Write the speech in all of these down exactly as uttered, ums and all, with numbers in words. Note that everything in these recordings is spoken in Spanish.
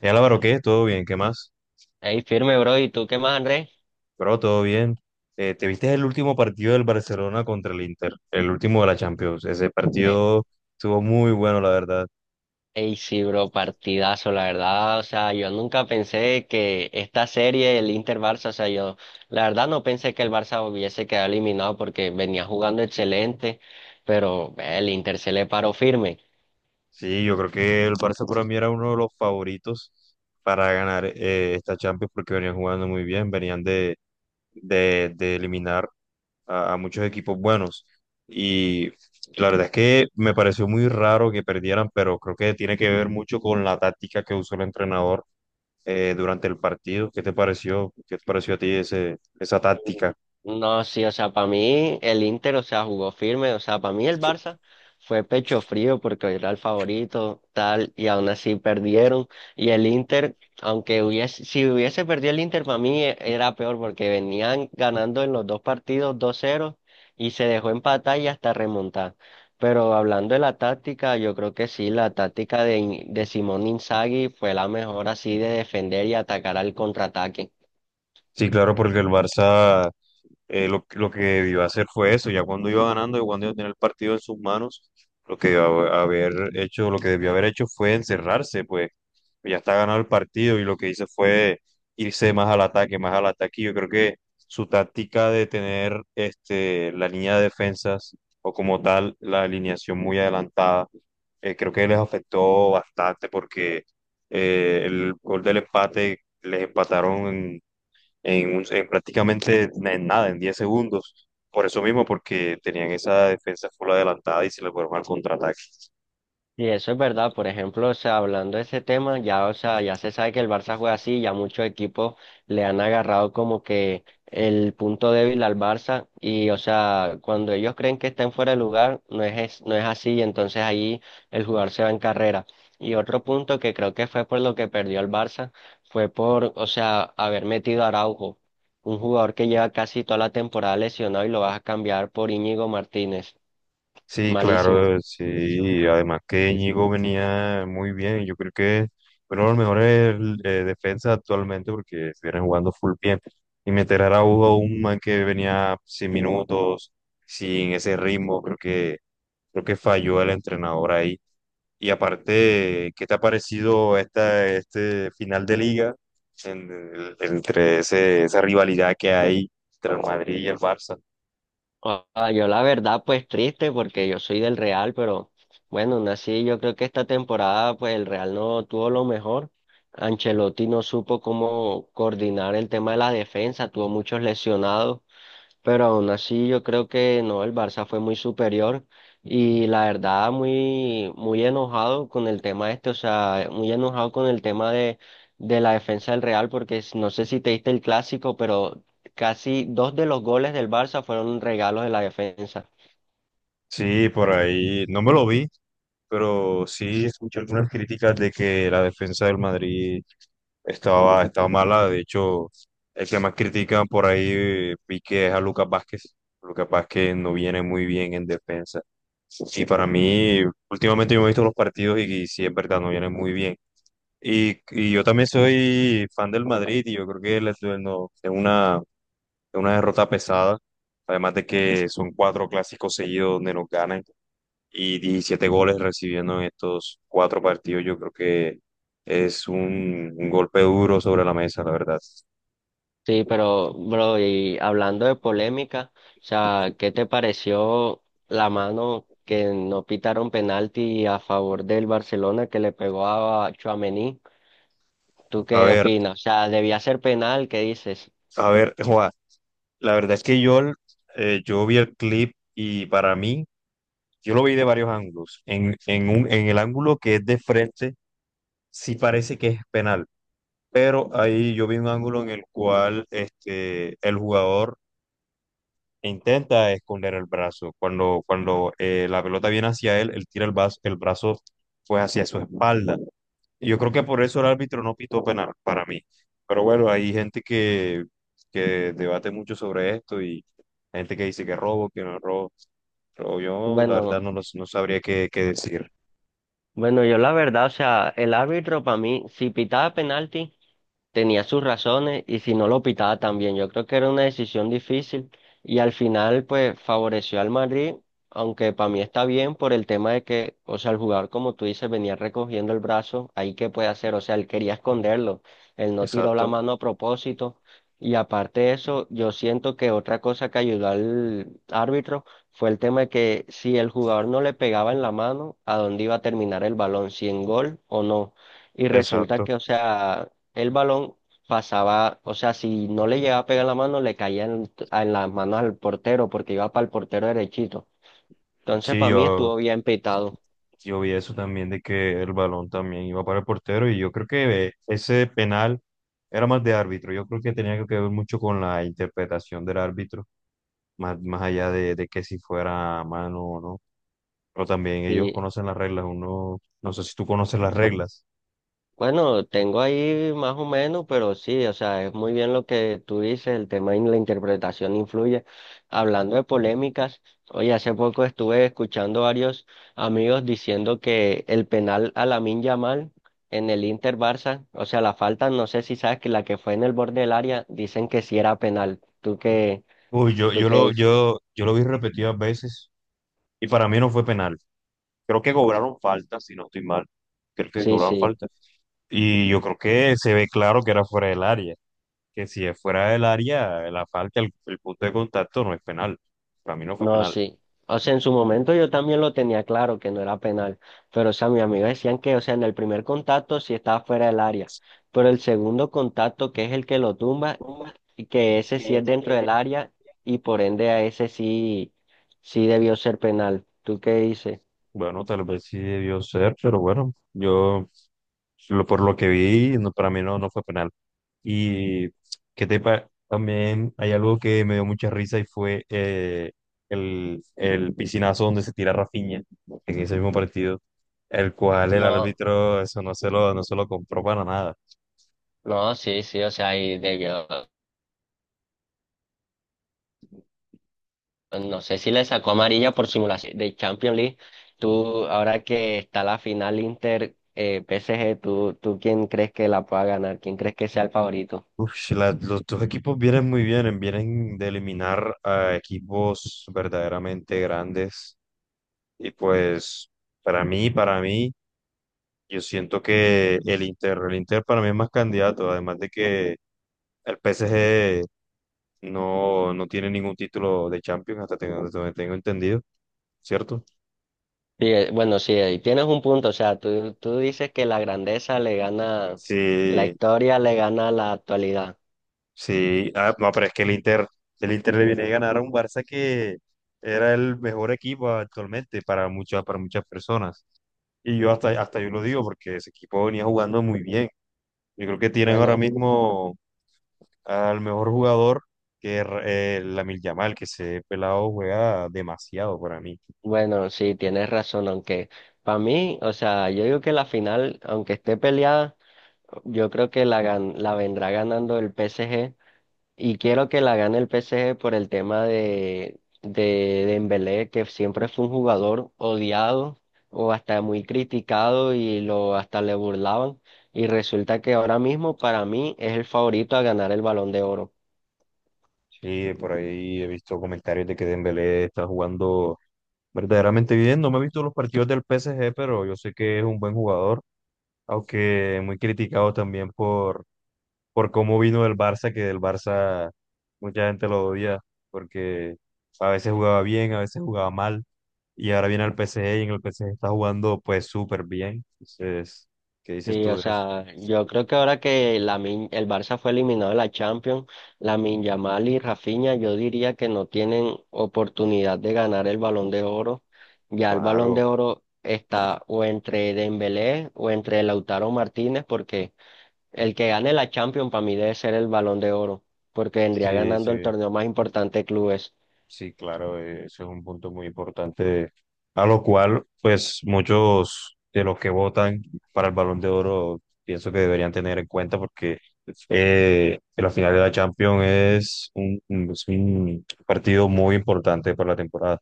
Eh, Álvaro, ¿qué? ¿Todo bien? ¿Qué más? Ey, firme, bro. ¿Y tú qué más, Andrés? Bro, todo bien. Eh, ¿te viste el último partido del Barcelona contra el Inter? El último de la Champions. Ese Ey, partido estuvo muy bueno, la verdad. ey, sí, bro, partidazo, la verdad. O sea, yo nunca pensé que esta serie, el Inter-Barça, o sea, yo la verdad no pensé que el Barça hubiese quedado eliminado porque venía jugando excelente, pero eh, el Inter se le paró firme. Sí, yo creo que el Barça para mí era uno de los favoritos para ganar eh, esta Champions porque venían jugando muy bien, venían de, de, de eliminar a, a muchos equipos buenos. Y la verdad es que me pareció muy raro que perdieran, pero creo que tiene que ver mucho con la táctica que usó el entrenador eh, durante el partido. ¿Qué te pareció? ¿Qué te pareció a ti ese, esa táctica? No, sí, o sea, para mí el Inter, o sea, jugó firme, o sea, para mí el Barça fue pecho frío porque era el favorito, tal, y aún así perdieron. Y el Inter, aunque hubiese, si hubiese perdido el Inter, para mí e- era peor porque venían ganando en los dos partidos dos cero y se dejó empatar y hasta remontar. Pero hablando de la táctica, yo creo que sí, la táctica de, In- de Simón Inzaghi fue la mejor así de defender y atacar al contraataque. Sí, claro, porque el Barça eh, lo, lo que debió hacer fue eso, ya cuando iba ganando y cuando iba a tener el partido en sus manos, lo que debió haber hecho, lo que debió haber hecho fue encerrarse, pues ya está ganado el partido y lo que hizo fue irse más al ataque, más al ataque. y Yo creo que su táctica de tener este, la línea de defensas o como tal la alineación muy adelantada, eh, creo que les afectó bastante porque eh, el gol del empate les empataron en, un- en prácticamente en nada, en diez segundos. Por eso mismo, porque tenían esa defensa full adelantada y se le fueron al contraataque. Y eso es verdad, por ejemplo, o sea, hablando de ese tema, ya, o sea, ya se sabe que el Barça juega así, ya muchos equipos le han agarrado como que el punto débil al Barça y, o sea, cuando ellos creen que están fuera de lugar, no es, es- no es así y entonces ahí el jugador se va en carrera. Y otro punto que creo que fue por lo que perdió el Barça fue por, o sea, haber metido a Araujo, un jugador que lleva casi toda la temporada lesionado y lo vas a cambiar por Íñigo Martínez. Sí, Malísimo. claro, sí. Además que Íñigo venía muy bien. Yo creo que es uno de los mejores eh, defensas actualmente porque estuvieron jugando full bien. Y meter a Araujo, un man que venía sin minutos, sin ese ritmo, creo que, creo que falló el entrenador ahí. Y aparte, ¿qué te ha parecido esta, este final de liga en- entre ese- esa rivalidad que hay entre el Madrid y el Barça? Ah, yo la verdad, pues triste porque yo soy del Real, pero bueno, nací, yo creo que esta temporada pues el Real no tuvo lo mejor. Ancelotti no supo cómo coordinar el tema de la defensa, tuvo muchos lesionados. Pero aún así yo creo que no, el Barça fue muy superior y la verdad muy, muy enojado con el tema este, o sea, muy enojado con el tema de, de la defensa del Real porque s- no sé si te diste el clásico, pero casi dos de los goles del Barça fueron regalos de la defensa. Sí, por ahí no me lo vi, pero sí escuché algunas críticas de que la defensa del Madrid estaba, estaba mala. De hecho, el que más critican por ahí eh, vi que es a Lucas Vázquez. Lucas Vázquez no viene muy bien en defensa. Y para mí, últimamente yo me he visto los partidos y, y sí es verdad, no viene muy bien. Y, y yo también soy fan del Madrid y yo creo que les no, es una, es una derrota pesada, además de que son cuatro clásicos seguidos donde nos ganan y diecisiete goles recibiendo en estos cuatro partidos, yo creo que es un, un golpe duro sobre la mesa, la verdad. Sí, pero bro, y hablando de polémica, o sea, ¿qué te pareció la mano que no pitaron penalti a favor del Barcelona que le pegó a Tchouaméni? ¿Tú A qué ver, opinas? O sea, ¿debía ser penal? ¿Qué dices? a ver, Juan, la verdad es que yo, eh, yo vi el clip y para mí, yo lo vi de varios ángulos. En, en, un, en el ángulo que es de frente, sí parece que es penal, pero ahí yo vi un ángulo en el cual este, el jugador intenta esconder el brazo. Cuando, cuando eh, la pelota viene hacia él, él tira el brazo, el brazo pues hacia su espalda. Y yo creo que por eso el árbitro no pitó penal para mí. Pero bueno, hay gente que, que debate mucho sobre esto y gente que dice que robo, que no es robo. Pero yo la Bueno, verdad no, lo- no sabría qué, qué decir. bueno, yo la verdad, o sea, el árbitro para mí, si pitaba penalti, tenía sus razones y si no lo pitaba también. Yo creo que era una decisión difícil y al final pues favoreció al Madrid, aunque para mí está bien por el tema de que, o sea, el jugador como tú dices venía recogiendo el brazo, ahí qué puede hacer, o sea, él quería esconderlo, él no tiró la Exacto, mano a propósito y aparte de eso, yo siento que otra cosa que ayudó al árbitro fue el tema de que si el jugador no le pegaba en la mano, ¿a dónde iba a terminar el balón? ¿Si en gol o no? Y resulta exacto. que, o sea, el balón pasaba, o sea, si no le llegaba a pegar la mano, le caía en, en las manos al portero porque iba para el portero derechito. Entonces, Sí, para mí yo, estuvo bien pitado. yo vi eso también de que el balón también iba para el portero y yo creo que ese penal era más de árbitro. Yo creo que tenía que ver mucho con la interpretación del árbitro, más, más allá de, de que si fuera mano o no. Pero también ellos Sí, conocen las reglas. Uno, no sé si tú conoces las reglas. bueno, tengo ahí más o menos, pero sí, o sea, es muy bien lo que tú dices, el tema y la interpretación influye. Hablando de polémicas, hoy hace poco estuve escuchando varios amigos diciendo que el penal a Lamine Yamal en el Inter Barça, o sea, la falta, no sé si sabes que la que fue en el borde del área, dicen que sí era penal. ¿Tú qué, Uy, yo, tú yo qué lo, dices? yo, yo lo vi repetidas veces y para mí no fue penal. Creo que cobraron falta, si no estoy mal. Creo que Sí, cobraron sí. falta. Y yo creo que se ve claro que era fuera del área. Que si es fuera del área, la falta, el, el punto de contacto no es penal. Para mí no fue No, penal. sí. O sea, en su momento yo también lo tenía claro que no era penal, pero o sea, mis amigos decían que, o sea, en el primer contacto sí estaba fuera del área, pero el segundo contacto, que es el que lo tumba, y que ese sí es dentro del área y por ende a ese sí, sí debió ser penal. ¿Tú qué dices? Bueno, tal vez sí debió ser, pero bueno, yo lo- por lo que vi, no, para mí no, no fue penal. Y que te pa- también hay algo que me dio mucha risa y fue eh, el, el piscinazo donde se tira Rafinha en ese mismo partido, el cual el No, árbitro eso no se lo, no se lo compró para nada. no, sí, sí, o sea, ahí debió. No sé si le sacó amarilla por simulación de Champions League. Tú, ahora que está la final Inter eh, P S G, ¿tú, tú quién crees que la pueda ganar? ¿Quién crees que sea el favorito? Uf, si la- los dos equipos vienen muy bien, vienen de eliminar a equipos verdaderamente grandes. Y pues, para mí, para mí, yo siento que el Inter, el Inter para mí es más candidato, además de que el P S G no, no tiene ningún título de Champions, hasta tengo- hasta donde tengo entendido, ¿cierto? Sí, eh, bueno, sí, ahí tienes un punto. O sea, tú, tú dices que la grandeza le gana, la Sí, historia le gana la actualidad. sí, ah, no, pero es que el Inter, el Inter le viene a ganar a un Barça que era el mejor equipo actualmente para muchas, para muchas personas. Y yo hasta, hasta yo lo digo porque ese equipo venía jugando muy bien. Yo creo que tienen ahora Bueno, mismo al mejor jugador que es eh, Lamine Yamal, que ese pelado juega demasiado para mí. bueno, sí, tienes razón, aunque para mí, o sea, yo digo que la final, aunque esté peleada, yo creo que la, gan- la vendrá ganando el P S G. Y quiero que la gane el P S G por el tema de, de Dembélé, que siempre fue un jugador odiado o hasta muy criticado y lo hasta le burlaban. Y resulta que ahora mismo para mí es el favorito a ganar el Balón de Oro. Sí, por ahí he visto comentarios de que Dembélé está jugando verdaderamente bien. No me he visto los partidos del P S G, pero yo sé que es un buen jugador, aunque muy criticado también por por cómo vino del Barça, que del Barça mucha gente lo odia, porque a veces jugaba bien, a veces jugaba mal, y ahora viene al P S G y en el P S G está jugando pues súper bien. Entonces, ¿qué dices Sí, tú o de eso? sea, yo creo que ahora que Lamin- el Barça fue eliminado de la Champions, Lamine Yamal y Rafinha, yo diría que no tienen oportunidad de ganar el Balón de Oro. Ya el Balón Claro, de Oro está o entre Dembélé o entre Lautaro Martínez, porque el que gane la Champions para mí debe ser el Balón de Oro, porque vendría sí, ganando el sí. torneo más importante de clubes. Sí, claro, eh, ese es un punto muy importante, a lo cual, pues, muchos de los que votan para el Balón de Oro pienso que deberían tener en cuenta porque eh, la final de la Champions es un, un- es un partido muy importante para la temporada.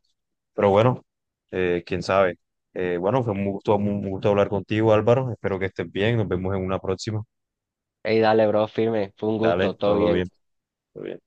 Pero bueno, eh, quién sabe. Eh, bueno, fue un gusto, un gusto hablar contigo, Álvaro. Espero que estés bien. Nos vemos en una próxima. Ey, dale, bro, firme, fue un Dale, gusto, todo todo bien. bien. Todo bien.